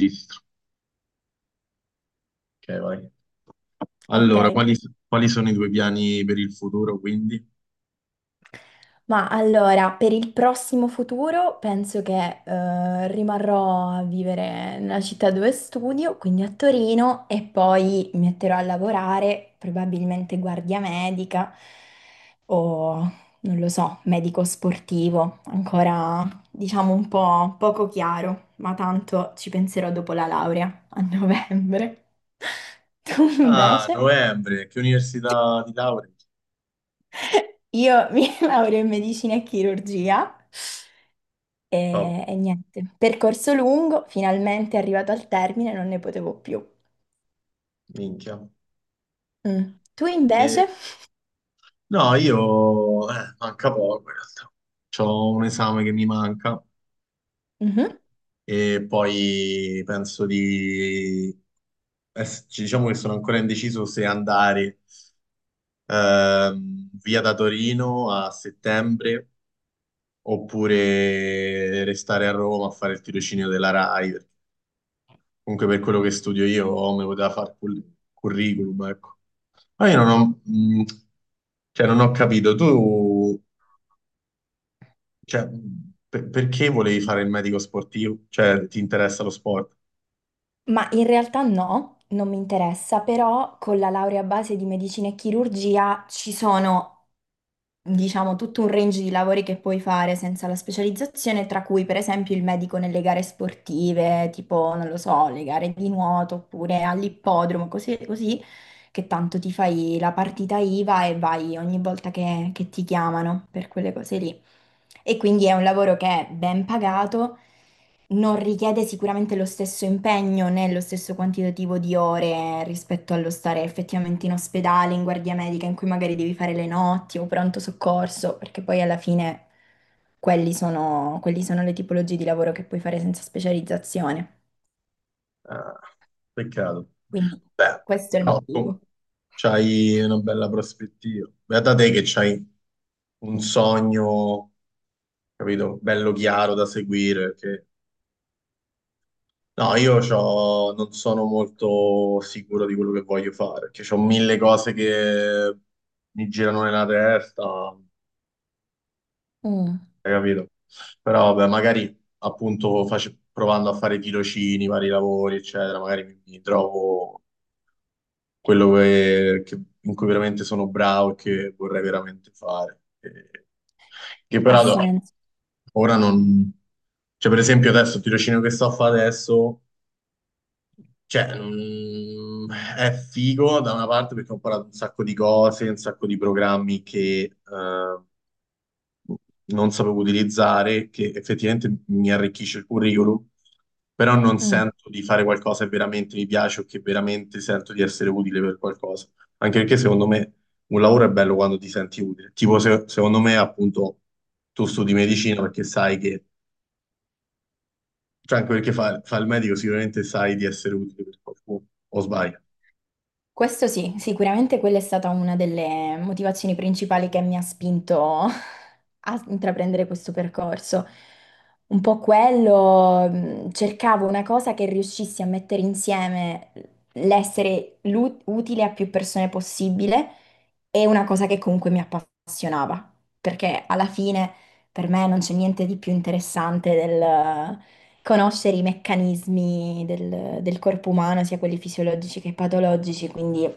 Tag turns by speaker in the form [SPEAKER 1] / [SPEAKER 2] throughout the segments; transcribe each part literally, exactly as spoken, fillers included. [SPEAKER 1] Registro. Ok, vai.
[SPEAKER 2] Ok,
[SPEAKER 1] Allora, quali, quali sono i tuoi piani per il futuro, quindi?
[SPEAKER 2] ma allora per il prossimo futuro penso che eh, rimarrò a vivere nella città dove studio, quindi a Torino, e poi mi metterò a lavorare, probabilmente guardia medica o non lo so, medico sportivo, ancora diciamo un po' poco chiaro, ma tanto ci penserò dopo la laurea a novembre. Tu
[SPEAKER 1] Ah,
[SPEAKER 2] invece?
[SPEAKER 1] novembre, che università di laurea?
[SPEAKER 2] Io mi laureo in medicina e chirurgia
[SPEAKER 1] Top,
[SPEAKER 2] e, e niente, percorso lungo, finalmente arrivato al termine, non ne potevo più.
[SPEAKER 1] minchia.
[SPEAKER 2] Mm. Tu invece?
[SPEAKER 1] E- no, io... eh, manca poco, in realtà. C'ho un esame che mi manca
[SPEAKER 2] Mhm.
[SPEAKER 1] e poi penso di... es- Diciamo che sono ancora indeciso se andare ehm, via da Torino a settembre oppure restare a Roma a fare il tirocinio della R A I. Comunque per quello che studio io mi poteva fare cur- curriculum, ecco. Ma io non ho, mh, cioè, non ho capito, tu, cioè, mh, per- perché volevi fare il medico sportivo? Cioè, ti interessa lo sport?
[SPEAKER 2] Ma in realtà no, non mi interessa, però con la laurea a base di medicina e chirurgia ci sono diciamo, tutto un range di lavori che puoi fare senza la specializzazione, tra cui per esempio il medico nelle gare sportive, tipo, non lo so, le gare di nuoto oppure all'ippodromo, così, così, che tanto ti fai la partita IVA e vai ogni volta che, che ti chiamano per quelle cose lì. E quindi è un lavoro che è ben pagato, non richiede sicuramente lo stesso impegno né lo stesso quantitativo di ore rispetto allo stare effettivamente in ospedale, in guardia medica, in cui magari devi fare le notti o pronto soccorso, perché poi alla fine quelli sono, quelli sono le tipologie di lavoro che puoi fare senza specializzazione.
[SPEAKER 1] Ah, peccato.
[SPEAKER 2] Quindi
[SPEAKER 1] Beh,
[SPEAKER 2] questo è il
[SPEAKER 1] però tu
[SPEAKER 2] motivo.
[SPEAKER 1] c'hai una bella prospettiva. Beata te che c'hai un sogno, capito, bello chiaro da seguire, che no, io c'ho- non sono molto sicuro di quello che voglio fare, perché ho mille cose che mi girano nella testa, hai
[SPEAKER 2] Mm,
[SPEAKER 1] capito? Però vabbè, magari appunto face- provando a fare tirocini, vari lavori, eccetera, magari mi, mi trovo quello che, che- in cui veramente sono bravo e che vorrei veramente fare. E- che
[SPEAKER 2] ha
[SPEAKER 1] però
[SPEAKER 2] senso.
[SPEAKER 1] ora non... Cioè, per esempio adesso il tirocinio che sto a fare adesso. Cioè, non- è figo da una parte perché ho imparato un sacco di cose, un sacco di programmi che eh, non sapevo utilizzare, che effettivamente mi arricchisce il curriculum, però non
[SPEAKER 2] Mm.
[SPEAKER 1] sento di fare qualcosa che veramente mi piace o che veramente sento di essere utile per qualcosa. Anche perché secondo me un lavoro è bello quando ti senti utile. Tipo, se- secondo me, appunto, tu studi medicina perché sai che, cioè anche perché fa, fa il medico, sicuramente sai di essere utile per qualcuno, o sbaglio.
[SPEAKER 2] Questo sì, sicuramente quella è stata una delle motivazioni principali che mi ha spinto a intraprendere questo percorso. Un po' quello, mh, cercavo una cosa che riuscissi a mettere insieme l'essere lu- utile a più persone possibile e una cosa che comunque mi appassionava, perché alla fine per me non c'è niente di più interessante conoscere i meccanismi del, del corpo umano, sia quelli fisiologici che patologici, quindi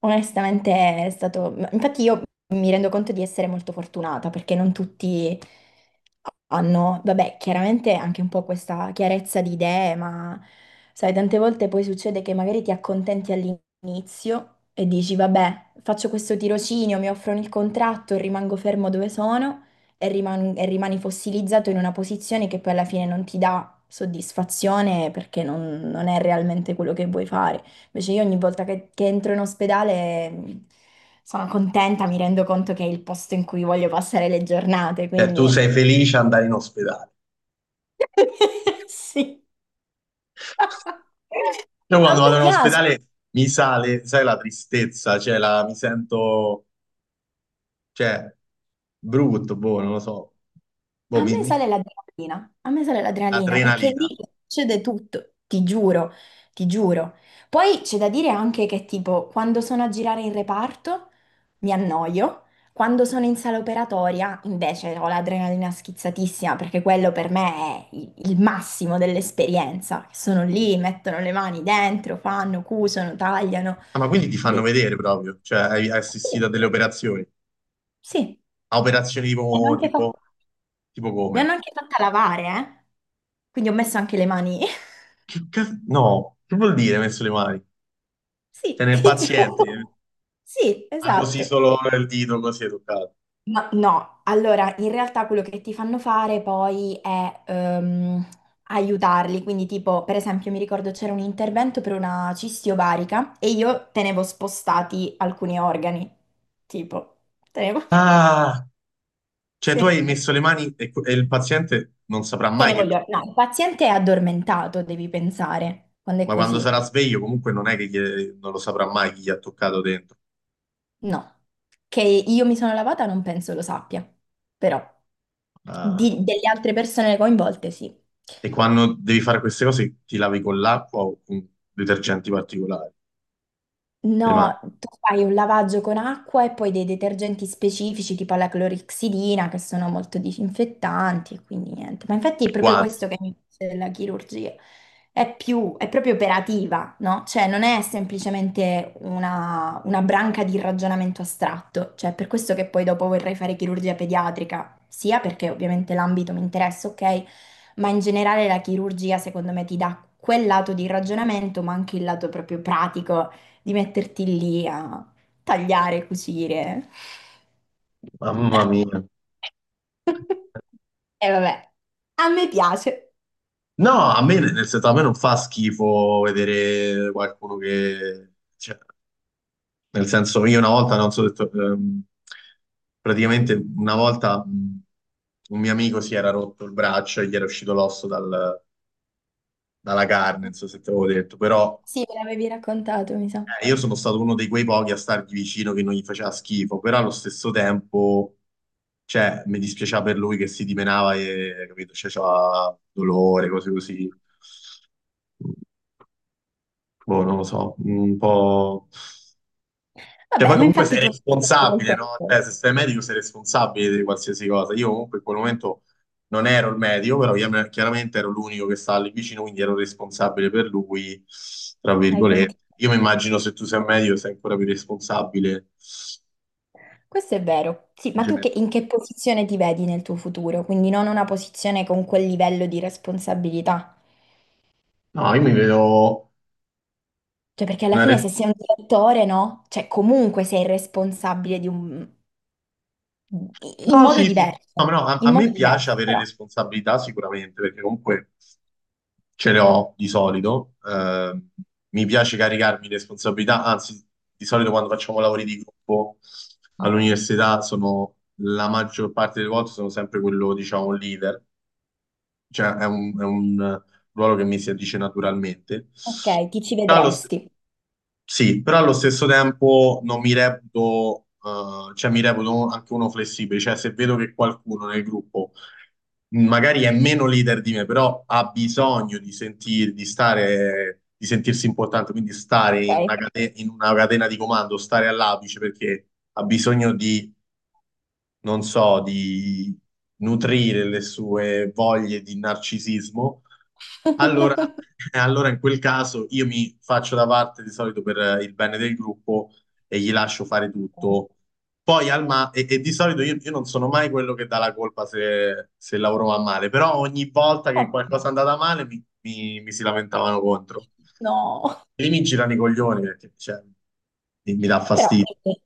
[SPEAKER 2] onestamente è stato... Infatti io mi rendo conto di essere molto fortunata perché non tutti hanno, vabbè, chiaramente anche un po' questa chiarezza di idee, ma sai, tante volte poi succede che magari ti accontenti all'inizio e dici, vabbè, faccio questo tirocinio, mi offrono il contratto, rimango fermo dove sono e riman- e rimani fossilizzato in una posizione che poi alla fine non ti dà soddisfazione perché non, non è realmente quello che vuoi fare. Invece io ogni volta che, che entro in ospedale mh, sono contenta, mi rendo conto che è il posto in cui voglio passare le giornate,
[SPEAKER 1] Cioè, tu
[SPEAKER 2] quindi
[SPEAKER 1] sei felice ad andare in ospedale.
[SPEAKER 2] sì,
[SPEAKER 1] Io
[SPEAKER 2] a
[SPEAKER 1] quando
[SPEAKER 2] me
[SPEAKER 1] vado in
[SPEAKER 2] piace.
[SPEAKER 1] ospedale mi sale, sai, la tristezza, cioè, la- mi sento, cioè, brutto, boh, non lo so. Boh,
[SPEAKER 2] A
[SPEAKER 1] mi,
[SPEAKER 2] me
[SPEAKER 1] mi-
[SPEAKER 2] sale l'adrenalina, a me sale l'adrenalina perché
[SPEAKER 1] adrenalina.
[SPEAKER 2] lì succede tutto, ti giuro, ti giuro. Poi c'è da dire anche che tipo quando sono a girare in reparto mi annoio, quando sono in sala operatoria invece ho l'adrenalina schizzatissima perché quello per me è il, il massimo dell'esperienza. Sono lì, mettono le mani dentro, fanno, cusano, tagliano.
[SPEAKER 1] Ah, ma quindi ti fanno
[SPEAKER 2] Bellissimo.
[SPEAKER 1] vedere proprio, cioè, hai hai assistito a
[SPEAKER 2] Sì,
[SPEAKER 1] delle operazioni.
[SPEAKER 2] sì.
[SPEAKER 1] A operazioni
[SPEAKER 2] E
[SPEAKER 1] tipo,
[SPEAKER 2] anche fa-
[SPEAKER 1] tipo, tipo
[SPEAKER 2] Mi hanno
[SPEAKER 1] come?
[SPEAKER 2] anche fatta lavare, eh? Quindi ho messo anche le mani.
[SPEAKER 1] Che cazzo? No, che vuol dire messo le mani? Cioè,
[SPEAKER 2] Sì,
[SPEAKER 1] nel
[SPEAKER 2] ti
[SPEAKER 1] paziente,
[SPEAKER 2] giuro. Sì,
[SPEAKER 1] ma così
[SPEAKER 2] esatto.
[SPEAKER 1] solo il dito così è toccato.
[SPEAKER 2] Ma no, allora in realtà quello che ti fanno fare poi è ehm, aiutarli, quindi tipo per esempio mi ricordo c'era un intervento per una cisti ovarica e io tenevo spostati alcuni organi, tipo, tenevo,
[SPEAKER 1] Ah, cioè tu hai
[SPEAKER 2] sì,
[SPEAKER 1] messo le mani e, e il paziente non saprà mai
[SPEAKER 2] tenevo
[SPEAKER 1] che
[SPEAKER 2] gli organi. No, il paziente è addormentato, devi pensare, quando è
[SPEAKER 1] ma quando
[SPEAKER 2] così.
[SPEAKER 1] sarà sveglio comunque non è che gli- non lo saprà mai chi gli ha toccato dentro.
[SPEAKER 2] No, che io mi sono lavata non penso lo sappia, però
[SPEAKER 1] Ah,
[SPEAKER 2] di- delle altre persone coinvolte sì.
[SPEAKER 1] e quando devi fare queste cose ti lavi con l'acqua o con detergenti particolari, le mani,
[SPEAKER 2] No, tu fai un lavaggio con acqua e poi dei detergenti specifici tipo la clorixidina che sono molto disinfettanti e quindi niente. Ma infatti è
[SPEAKER 1] i
[SPEAKER 2] proprio
[SPEAKER 1] guanti.
[SPEAKER 2] questo che mi piace della chirurgia. È più, è proprio operativa, no? Cioè non è semplicemente una, una branca di ragionamento astratto. Cioè per questo che poi dopo vorrei fare chirurgia pediatrica, sia perché ovviamente l'ambito mi interessa, ok, ma in generale la chirurgia secondo me ti dà quel lato di ragionamento, ma anche il lato proprio pratico di metterti lì a tagliare, cucire.
[SPEAKER 1] Mamma mia.
[SPEAKER 2] E vabbè. A me piace.
[SPEAKER 1] No, a me, nel senso, a me non fa schifo vedere qualcuno che... cioè, nel senso, io una volta, non so, detto, ehm, praticamente una volta mh, un mio amico si era rotto il braccio e gli era uscito l'osso dal- dalla carne, non so se te l'avevo detto, però
[SPEAKER 2] Sì, me l'avevi raccontato, mi sa.
[SPEAKER 1] eh, io sono stato uno dei quei pochi a stargli vicino che non gli faceva schifo, però allo stesso tempo, cioè, mi dispiaceva per lui che si dimenava e, capito, cioè, c'aveva dolore, cose così. Boh, non lo so, un po'... Cioè, poi
[SPEAKER 2] Vabbè, ma
[SPEAKER 1] comunque sei
[SPEAKER 2] infatti tu non hai detto quel
[SPEAKER 1] responsabile, no?
[SPEAKER 2] pezzo.
[SPEAKER 1] Cioè, se sei medico sei responsabile di qualsiasi cosa. Io comunque in quel momento non ero il medico, però chiam- chiaramente ero l'unico che stava lì vicino, quindi ero responsabile per lui, tra
[SPEAKER 2] Hai
[SPEAKER 1] virgolette.
[SPEAKER 2] sentito?
[SPEAKER 1] Io mi immagino se tu sei medico sei ancora più responsabile
[SPEAKER 2] Questo è vero. Sì,
[SPEAKER 1] in
[SPEAKER 2] ma tu
[SPEAKER 1] generale.
[SPEAKER 2] che- in che posizione ti vedi nel tuo futuro? Quindi non una posizione con quel livello di responsabilità.
[SPEAKER 1] No, io mi vedo
[SPEAKER 2] Cioè, perché alla
[SPEAKER 1] una.
[SPEAKER 2] fine se sei un direttore, no? Cioè, comunque sei responsabile di un... in
[SPEAKER 1] No,
[SPEAKER 2] modo
[SPEAKER 1] sì, sì. No,
[SPEAKER 2] diverso.
[SPEAKER 1] no, a,
[SPEAKER 2] In
[SPEAKER 1] a
[SPEAKER 2] modo
[SPEAKER 1] me piace
[SPEAKER 2] diverso,
[SPEAKER 1] avere
[SPEAKER 2] però.
[SPEAKER 1] responsabilità sicuramente, perché comunque ce le ho di solito. eh, mi piace caricarmi di responsabilità, anzi, di solito quando facciamo lavori di gruppo
[SPEAKER 2] Mm.
[SPEAKER 1] all'università sono la maggior parte delle volte sono sempre quello, diciamo, leader, cioè è un, è un ruolo che mi si addice naturalmente.
[SPEAKER 2] Ok, ti ci
[SPEAKER 1] Però allo stesso
[SPEAKER 2] vedresti.
[SPEAKER 1] sì, però allo stesso tempo non mi reputo, eh, cioè mi reputo anche uno flessibile, cioè se vedo che qualcuno nel gruppo magari è meno leader di me, però ha bisogno di sentir, di stare, di sentirsi importante, quindi stare in una
[SPEAKER 2] Ok.
[SPEAKER 1] cate- in una catena di comando, stare all'apice perché ha bisogno di, non so, di nutrire le sue voglie di narcisismo allora, allora in quel caso io mi faccio da parte di solito per eh, il bene del gruppo e gli lascio fare tutto. Poi al ma- e, e di solito io, io non sono mai quello che dà la colpa se, se il lavoro va male, però ogni volta che
[SPEAKER 2] Oh,
[SPEAKER 1] qualcosa è andata male mi, mi- mi si lamentavano contro.
[SPEAKER 2] no,
[SPEAKER 1] Lì mi girano i coglioni perché cioè, mi mi dà
[SPEAKER 2] però
[SPEAKER 1] fastidio,
[SPEAKER 2] quindi,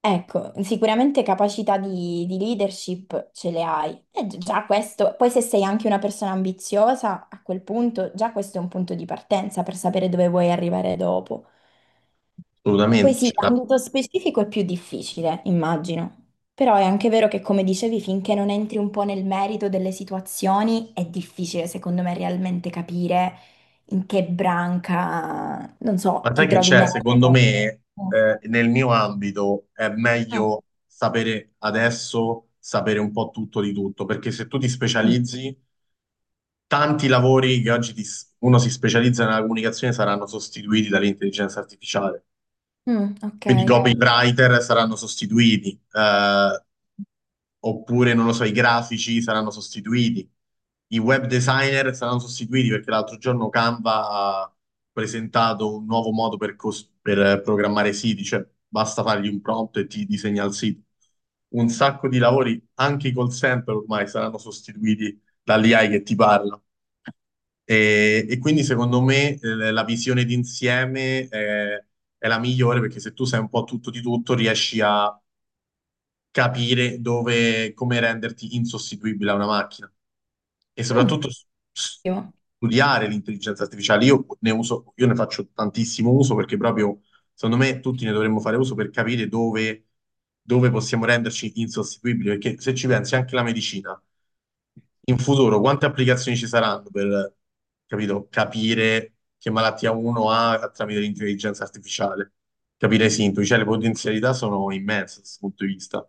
[SPEAKER 2] ecco, sicuramente capacità di, di leadership ce le hai. E gi- già questo, poi se sei anche una persona ambiziosa, a quel punto già questo è un punto di partenza per sapere dove vuoi arrivare dopo. Poi sì,
[SPEAKER 1] assolutamente.
[SPEAKER 2] ambito specifico è più difficile, immagino. Però è anche vero che, come dicevi, finché non entri un po' nel merito delle situazioni, è difficile, secondo me, realmente capire in che branca, non so,
[SPEAKER 1] Ma
[SPEAKER 2] ti
[SPEAKER 1] sai che
[SPEAKER 2] trovi
[SPEAKER 1] c'è? Secondo
[SPEAKER 2] meglio.
[SPEAKER 1] me,
[SPEAKER 2] Mm.
[SPEAKER 1] eh, nel mio ambito è
[SPEAKER 2] Mm.
[SPEAKER 1] meglio sapere adesso, sapere un po' tutto di tutto, perché se tu ti
[SPEAKER 2] Mm,
[SPEAKER 1] specializzi, tanti lavori che oggi ti s- uno si specializza nella comunicazione saranno sostituiti dall'intelligenza artificiale.
[SPEAKER 2] Mm, Ok.
[SPEAKER 1] Quindi i copywriter saranno sostituiti, eh, oppure non lo so, i grafici saranno sostituiti, i web designer saranno sostituiti perché l'altro giorno Canva ha presentato un nuovo modo per, cos- per, eh, programmare siti, cioè basta fargli un prompt e ti disegna il sito. Un sacco di lavori, anche i call center ormai saranno sostituiti dall'A I che ti parla. E, e quindi secondo me eh, la visione d'insieme è, è la migliore perché se tu sai un po' tutto di tutto riesci a capire dove, come renderti insostituibile a una macchina e
[SPEAKER 2] Mm.
[SPEAKER 1] soprattutto s- s-
[SPEAKER 2] Ottimo.
[SPEAKER 1] studiare l'intelligenza artificiale. Io ne uso, io ne faccio tantissimo uso perché proprio secondo me tutti ne dovremmo fare uso per capire dove, dove possiamo renderci insostituibili perché se ci pensi anche la medicina in futuro quante applicazioni ci saranno per, capito, capire che malattia uno ha tramite l'intelligenza artificiale, capire i sintomi, cioè le potenzialità sono immense da questo punto di vista.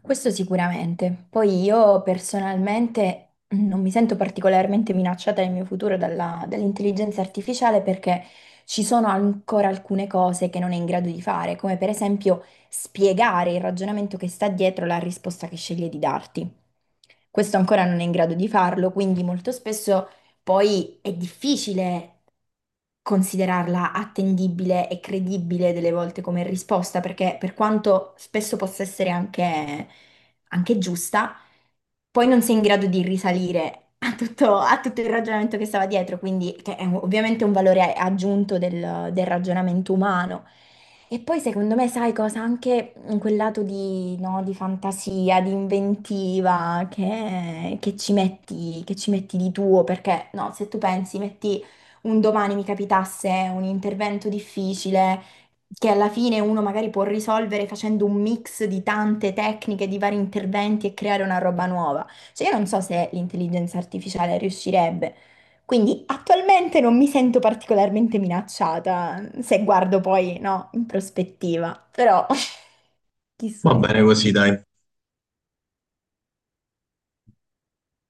[SPEAKER 2] Questo sicuramente. Poi io personalmente non mi sento particolarmente minacciata nel mio futuro dalla- dall'intelligenza artificiale perché ci sono ancora alcune cose che non è in grado di fare, come per esempio spiegare il ragionamento che sta dietro la risposta che sceglie di darti. Questo ancora non è in grado di farlo, quindi molto spesso poi è difficile considerarla attendibile e credibile delle volte come risposta, perché per quanto spesso possa essere anche, anche giusta, poi non sei in grado di risalire a tutto, a tutto il ragionamento che stava dietro, quindi che è un- ovviamente un valore aggiunto del del ragionamento umano. E poi secondo me, sai cosa? Anche in quel lato di, no, di fantasia, di inventiva che, che ci metti, che ci metti di tuo, perché no, se tu pensi, metti un domani mi capitasse un intervento difficile che alla fine uno magari può risolvere facendo un mix di tante tecniche, di vari interventi e creare una roba nuova. Cioè io non so se l'intelligenza artificiale riuscirebbe. Quindi attualmente non mi sento particolarmente minacciata, se guardo poi, no, in prospettiva, però
[SPEAKER 1] Va
[SPEAKER 2] chissà.
[SPEAKER 1] bene così, dai.